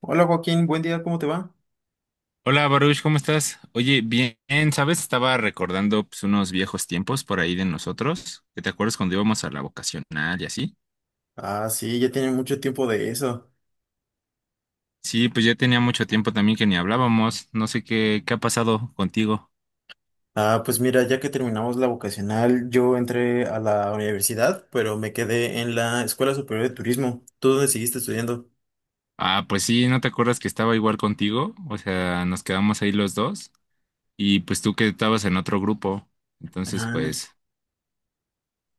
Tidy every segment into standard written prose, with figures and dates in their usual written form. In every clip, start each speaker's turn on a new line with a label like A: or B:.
A: Hola Joaquín, buen día, ¿cómo te va?
B: Hola Baruch, ¿cómo estás? Oye, bien, ¿sabes? Estaba recordando pues, unos viejos tiempos por ahí de nosotros, que te acuerdas cuando íbamos a la vocacional y así.
A: Ah, sí, ya tiene mucho tiempo de eso.
B: Sí, pues ya tenía mucho tiempo también que ni hablábamos, no sé qué, qué ha pasado contigo.
A: Ah, pues mira, ya que terminamos la vocacional, yo entré a la universidad, pero me quedé en la Escuela Superior de Turismo. ¿Tú dónde seguiste estudiando?
B: Ah, pues sí, ¿no te acuerdas que estaba igual contigo? O sea, nos quedamos ahí los dos y pues tú que estabas en otro grupo. Entonces,
A: Ah,
B: pues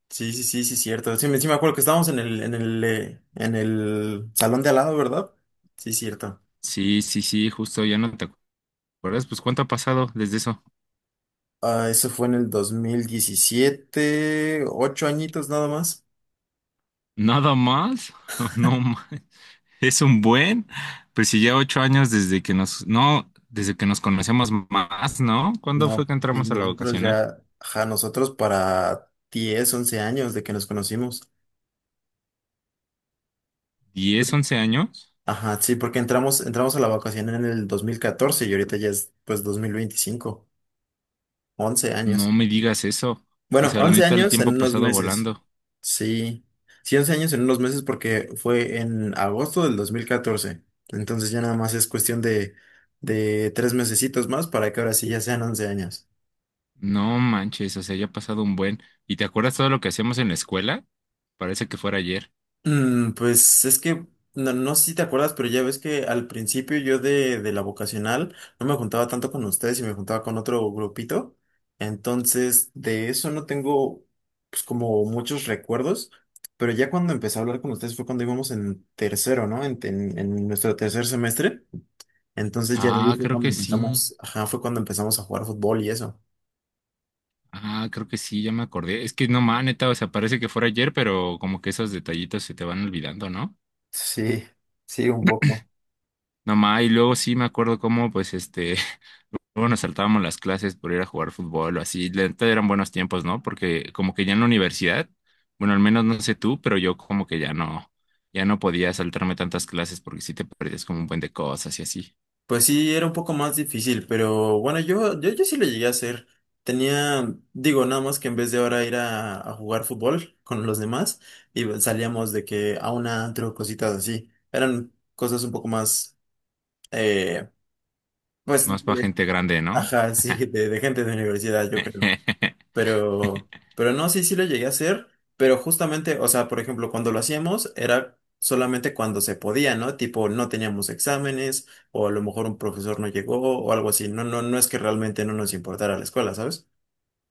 A: sí, sí, sí, sí, cierto. Sí, sí me acuerdo que estábamos en el salón de al lado, ¿verdad? Sí, cierto.
B: sí, justo ya no te acuerdas. Pues ¿cuánto ha pasado desde eso?
A: Ah, eso fue en el 2017, ocho añitos nada más.
B: ¿Nada más? No más. Es un buen, pues si ya 8 años desde que nos, no, desde que nos conocemos más, ¿no? ¿Cuándo fue
A: No,
B: que
A: y
B: entramos a la
A: nosotros
B: vocacional?
A: ya, ajá, nosotros para 10 11 años de que nos conocimos.
B: ¿10, 11 años?
A: Ajá, sí, porque entramos a la vacación en el 2014 y ahorita ya es pues 2025 11
B: No
A: años.
B: me digas eso. O
A: Bueno,
B: sea, la
A: 11
B: neta, el
A: años en
B: tiempo ha
A: unos
B: pasado
A: meses.
B: volando.
A: Sí, sí, 11 años en unos meses porque fue en agosto del 2014. Entonces ya nada más es cuestión de tres mesecitos más para que ahora sí ya sean 11 años.
B: No manches, o sea, ya ha pasado un buen. ¿Y te acuerdas todo lo que hacíamos en la escuela? Parece que fuera ayer.
A: Pues es que no, no sé si te acuerdas, pero ya ves que al principio yo de la vocacional no me juntaba tanto con ustedes y me juntaba con otro grupito. Entonces, de eso no tengo pues como muchos recuerdos, pero ya cuando empecé a hablar con ustedes fue cuando íbamos en tercero, ¿no? En nuestro tercer semestre. Entonces ya de ahí
B: Ah,
A: fue
B: creo
A: cuando
B: que sí.
A: empezamos, ajá, fue cuando empezamos a jugar fútbol y eso.
B: Ah, creo que sí, ya me acordé. Es que no ma, neta, o sea, parece que fuera ayer, pero como que esos detallitos se te van olvidando, ¿no?
A: Sí, sí, un poco.
B: No ma, y luego sí me acuerdo cómo, pues, bueno saltábamos las clases por ir a jugar fútbol o así. La neta eran buenos tiempos, ¿no? Porque como que ya en la universidad, bueno, al menos no sé tú, pero yo como que ya no, ya no podía saltarme tantas clases porque sí te perdías como un buen de cosas y así.
A: Pues sí, era un poco más difícil, pero bueno, yo sí lo llegué a hacer. Tenía, digo, nada más que en vez de ahora ir a jugar fútbol con los demás, y salíamos de que a un antro, cositas así. Eran cosas un poco más, eh,
B: Es más
A: pues,
B: para gente grande, ¿no?
A: ajá, sí, de gente de universidad, yo creo. Pero, no, sí, sí lo llegué a hacer, pero justamente, o sea, por ejemplo, cuando lo hacíamos era solamente cuando se podía, ¿no? Tipo, no teníamos exámenes, o a lo mejor un profesor no llegó, o algo así. No, no, no es que realmente no nos importara la escuela, ¿sabes?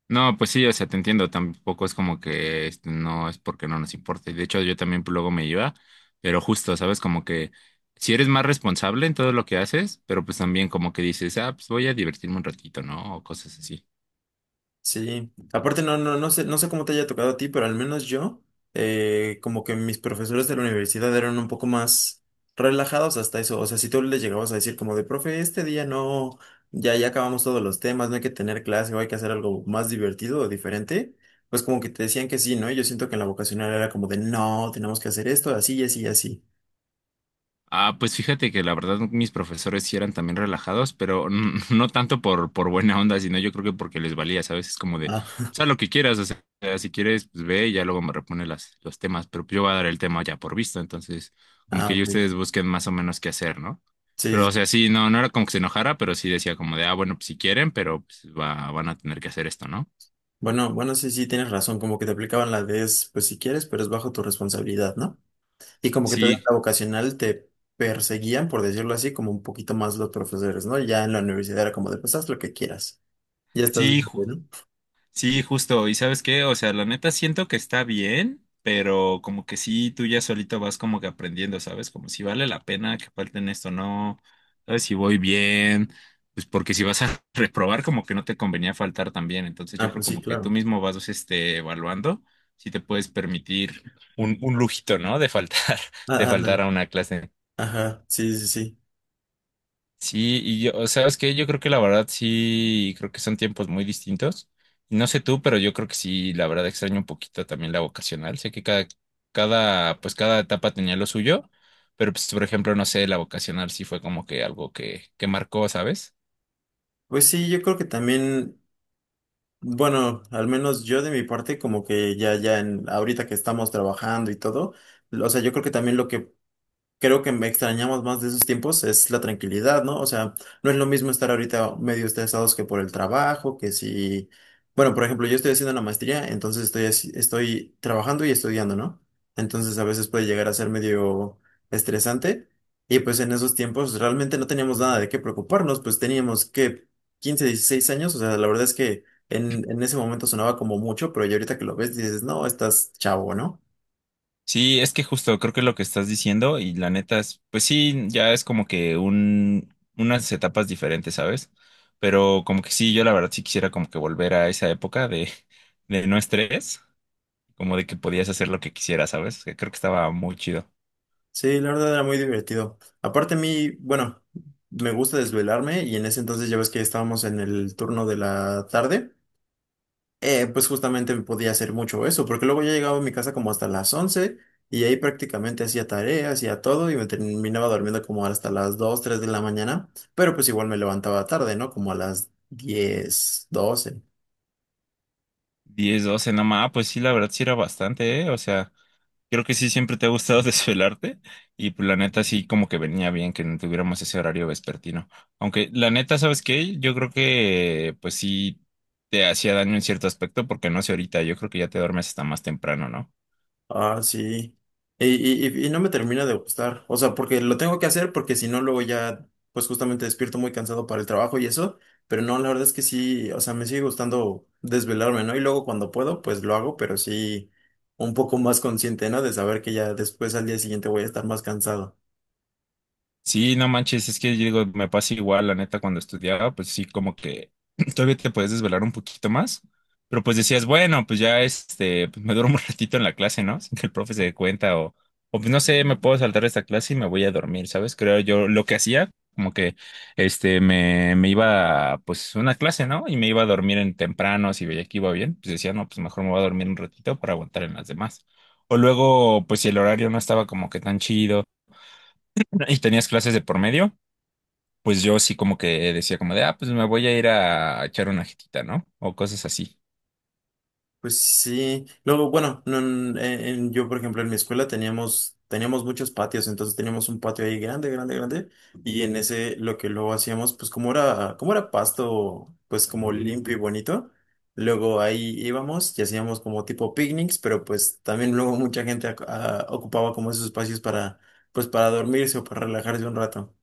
B: No, pues sí, o sea, te entiendo, tampoco es como que este, no es porque no nos importe. De hecho, yo también luego me iba, pero justo, ¿sabes? Como que si eres más responsable en todo lo que haces, pero pues también como que dices, ah, pues voy a divertirme un ratito, ¿no? O cosas así.
A: Sí, aparte no, no, no sé, no sé cómo te haya tocado a ti, pero al menos yo, como que mis profesores de la universidad eran un poco más relajados hasta eso. O sea, si tú les llegabas a decir como de, profe, este día no, ya, ya acabamos todos los temas, no hay que tener clase o hay que hacer algo más divertido o diferente, pues como que te decían que sí, ¿no? Y yo siento que en la vocacional era como de, no, tenemos que hacer esto, así y así y así.
B: Ah, pues fíjate que la verdad mis profesores sí eran también relajados, pero no tanto por buena onda, sino yo creo que porque les valía, ¿sabes? Es como de,
A: Ah,
B: pues haz lo que quieras, o sea, si quieres, pues ve y ya luego me repone las, los temas, pero yo voy a dar el tema ya por visto, entonces como
A: ah,
B: que ya
A: ok.
B: ustedes busquen más o menos qué hacer, ¿no?
A: Sí,
B: Pero o
A: sí.
B: sea, sí, no, no era como que se enojara, pero sí decía como de, ah, bueno, pues si quieren, pero pues va, van a tener que hacer esto, ¿no?
A: Bueno, bueno, sí, sí, tienes razón, como que te aplicaban la de, es, pues si quieres, pero es bajo tu responsabilidad, ¿no? Y como que todavía en
B: Sí,
A: la vocacional te perseguían, por decirlo así, como un poquito más los profesores, ¿no? Ya en la universidad era como de, pues haz lo que quieras. Ya estás
B: sí, ju-
A: grande, ¿no?
B: Sí, justo. ¿Y sabes qué? O sea, la neta siento que está bien, pero como que sí, tú ya solito vas como que aprendiendo, ¿sabes? Como si vale la pena que falten esto, no. ¿Sabes si voy bien? Pues porque si vas a reprobar, como que no te convenía faltar también. Entonces yo
A: Ah,
B: creo
A: pues sí,
B: como que tú
A: claro.
B: mismo vas, este, evaluando si te puedes permitir un lujito, ¿no? De faltar, de
A: Ah, ándale.
B: faltar a una clase.
A: Ajá, sí, sí, sí.
B: Sí, y yo, ¿sabes qué? Yo creo que la verdad sí, creo que son tiempos muy distintos. Y no sé tú, pero yo creo que sí, la verdad extraño un poquito también la vocacional. Sé que cada, pues cada etapa tenía lo suyo, pero pues, por ejemplo, no sé, la vocacional sí fue como que algo que marcó, ¿sabes?
A: Pues sí, yo creo que también, bueno, al menos yo de mi parte, como que ya, ya en, ahorita que estamos trabajando y todo, o sea, yo creo que también lo que creo que me extrañamos más de esos tiempos es la tranquilidad, ¿no? O sea, no es lo mismo estar ahorita medio estresados que por el trabajo, que si, bueno, por ejemplo, yo estoy haciendo la maestría, entonces estoy, así- estoy trabajando y estudiando, ¿no? Entonces a veces puede llegar a ser medio estresante y pues en esos tiempos realmente no teníamos nada de qué preocuparnos, pues teníamos que 15 16 años, o sea, la verdad es que en ese momento sonaba como mucho, pero ya ahorita que lo ves dices, no, estás chavo, ¿no?
B: Sí, es que justo creo que lo que estás diciendo y la neta es, pues sí, ya es como que un, unas etapas diferentes, ¿sabes? Pero como que sí, yo la verdad sí quisiera como que volver a esa época de no estrés como de que podías hacer lo que quisieras, ¿sabes? Que creo que estaba muy chido.
A: Sí, la verdad era muy divertido. Aparte a mí, bueno, me gusta desvelarme y en ese entonces ya ves que estábamos en el turno de la tarde, pues justamente me podía hacer mucho eso, porque luego ya llegaba a mi casa como hasta las 11 y ahí prácticamente hacía tareas, hacía todo y me terminaba durmiendo como hasta las 2, 3 de la mañana, pero pues igual me levantaba tarde, ¿no? Como a las 10, 12.
B: 10, 12, no más, pues sí, la verdad sí era bastante, ¿eh? O sea, creo que sí siempre te ha gustado desvelarte y pues la neta sí como que venía bien que no tuviéramos ese horario vespertino. Aunque la neta, ¿sabes qué? Yo creo que pues sí te hacía daño en cierto aspecto porque no sé ahorita, yo creo que ya te duermes hasta más temprano, ¿no?
A: Ah, sí. Y no me termina de gustar. O sea, porque lo tengo que hacer porque si no, luego ya, pues justamente despierto muy cansado para el trabajo y eso. Pero no, la verdad es que sí, o sea, me sigue gustando desvelarme, ¿no? Y luego cuando puedo, pues lo hago, pero sí un poco más consciente, ¿no? De saber que ya después al día siguiente voy a estar más cansado.
B: Sí, no manches, es que yo digo, me pasa igual, la neta, cuando estudiaba, pues sí, como que todavía te puedes desvelar un poquito más, pero pues decías, bueno, pues ya este, pues me duermo un ratito en la clase, ¿no? Sin que el profe se dé cuenta, o pues no sé, me puedo saltar esta clase y me voy a dormir, ¿sabes? Creo yo lo que hacía, como que este, me iba, a, pues, una clase, ¿no? Y me iba a dormir en temprano, si veía que iba bien, pues decía, no, pues mejor me voy a dormir un ratito para aguantar en las demás. O luego, pues si el horario no estaba como que tan chido y tenías clases de por medio pues yo sí como que decía como de, ah, pues me voy a ir a echar una jetita, ¿no? O cosas así.
A: Pues sí, luego, bueno, no, yo por ejemplo en mi escuela teníamos muchos patios, entonces teníamos un patio ahí grande, grande, grande, y en ese lo que luego hacíamos, pues como era pasto, pues como limpio y bonito, luego ahí íbamos y hacíamos como tipo picnics, pero pues también luego mucha gente ocupaba como esos espacios para, pues para dormirse o para relajarse un rato.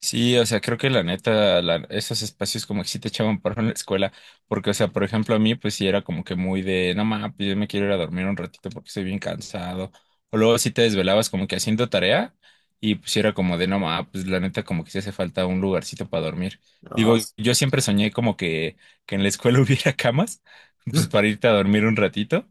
B: Sí, o sea, creo que la neta, esos espacios como que sí te echaban paro en la escuela, porque, o sea, por ejemplo, a mí, pues sí era como que muy de, no mames, pues, yo me quiero ir a dormir un ratito porque estoy bien cansado. O luego sí te desvelabas como que haciendo tarea y pues sí era como de, no mames, pues la neta como que sí hace falta un lugarcito para dormir. Digo, yo siempre soñé como que en la escuela hubiera camas, pues
A: No,
B: para irte a dormir un ratito,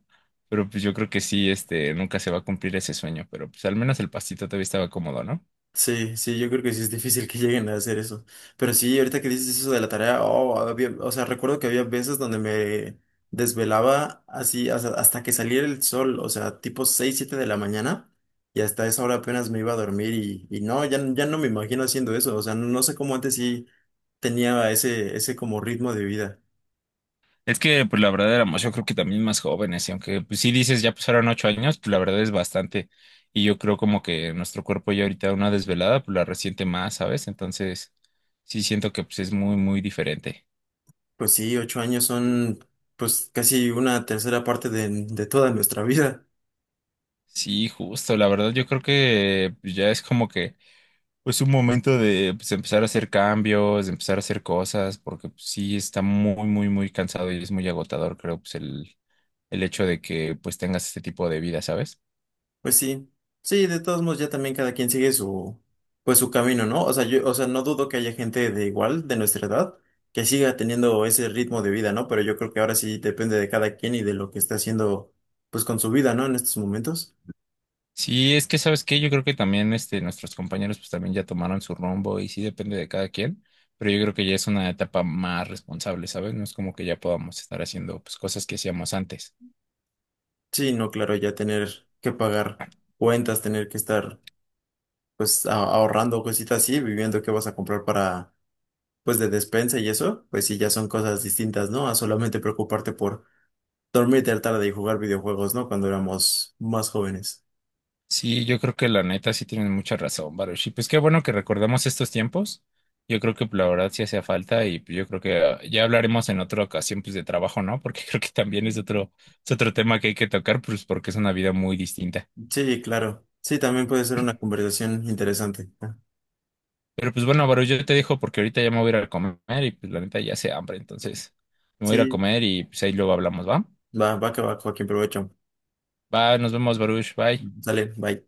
B: pero pues yo creo que sí, este, nunca se va a cumplir ese sueño, pero pues al menos el pastito todavía estaba cómodo, ¿no?
A: sí, sí, yo creo que sí es difícil que lleguen a hacer eso. Pero sí, ahorita que dices eso de la tarea, oh, o sea, recuerdo que había veces donde me desvelaba así hasta, hasta que saliera el sol, o sea, tipo 6, 7 de la mañana, y hasta esa hora apenas me iba a dormir y no, ya, ya no me imagino haciendo eso, o sea, no no sé cómo antes sí tenía ese, ese como ritmo de vida.
B: Es que, pues la verdad éramos, yo creo que también más jóvenes, y aunque pues sí dices, ya pasaron 8 años, pues la verdad es bastante. Y yo creo como que nuestro cuerpo ya ahorita una desvelada, pues la resiente más, ¿sabes? Entonces, sí siento que pues es muy, muy diferente.
A: Pues sí, 8 años son pues casi una tercera parte de toda nuestra vida.
B: Sí, justo, la verdad yo creo que pues, ya es como que pues un momento de pues empezar a hacer cambios, de empezar a hacer cosas, porque pues, sí está muy, muy, muy cansado y es muy agotador, creo, pues el hecho de que pues tengas este tipo de vida, ¿sabes?
A: Pues sí, sí, de todos modos ya también cada quien sigue su, pues su camino, ¿no? O sea, yo, o sea, no dudo que haya gente de igual, de nuestra edad, que siga teniendo ese ritmo de vida, ¿no? Pero yo creo que ahora sí depende de cada quien y de lo que está haciendo, pues con su vida, ¿no? En estos momentos.
B: Sí, es que sabes qué, yo creo que también este, nuestros compañeros pues también ya tomaron su rumbo y sí depende de cada quien, pero yo creo que ya es una etapa más responsable, ¿sabes? No es como que ya podamos estar haciendo pues cosas que hacíamos antes.
A: Sí, no, claro, ya tener que pagar cuentas, tener que estar, pues, ahorrando cositas así, viviendo qué vas a comprar para, pues, de despensa y eso, pues sí, ya son cosas distintas, ¿no? A solamente preocuparte por dormir tarde y jugar videojuegos, ¿no? Cuando éramos más jóvenes.
B: Sí, yo creo que la neta sí tienen mucha razón, Baruch. Y pues qué bueno que recordamos estos tiempos. Yo creo que pues, la verdad sí hacía falta y pues, yo creo que ah, ya hablaremos en otra ocasión pues de trabajo, ¿no? Porque creo que también es otro tema que hay que tocar pues porque es una vida muy distinta.
A: Sí, claro. Sí, también puede ser una conversación interesante. ¿No?
B: Pero pues bueno, Baru, yo te dejo porque ahorita ya me voy a ir a comer y pues la neta ya hace hambre, entonces me voy a ir a
A: Sí,
B: comer y pues ahí luego hablamos, ¿va?
A: va, va que va, Joaquín, provecho.
B: Va, nos vemos, Baruch, bye.
A: Sale, bye.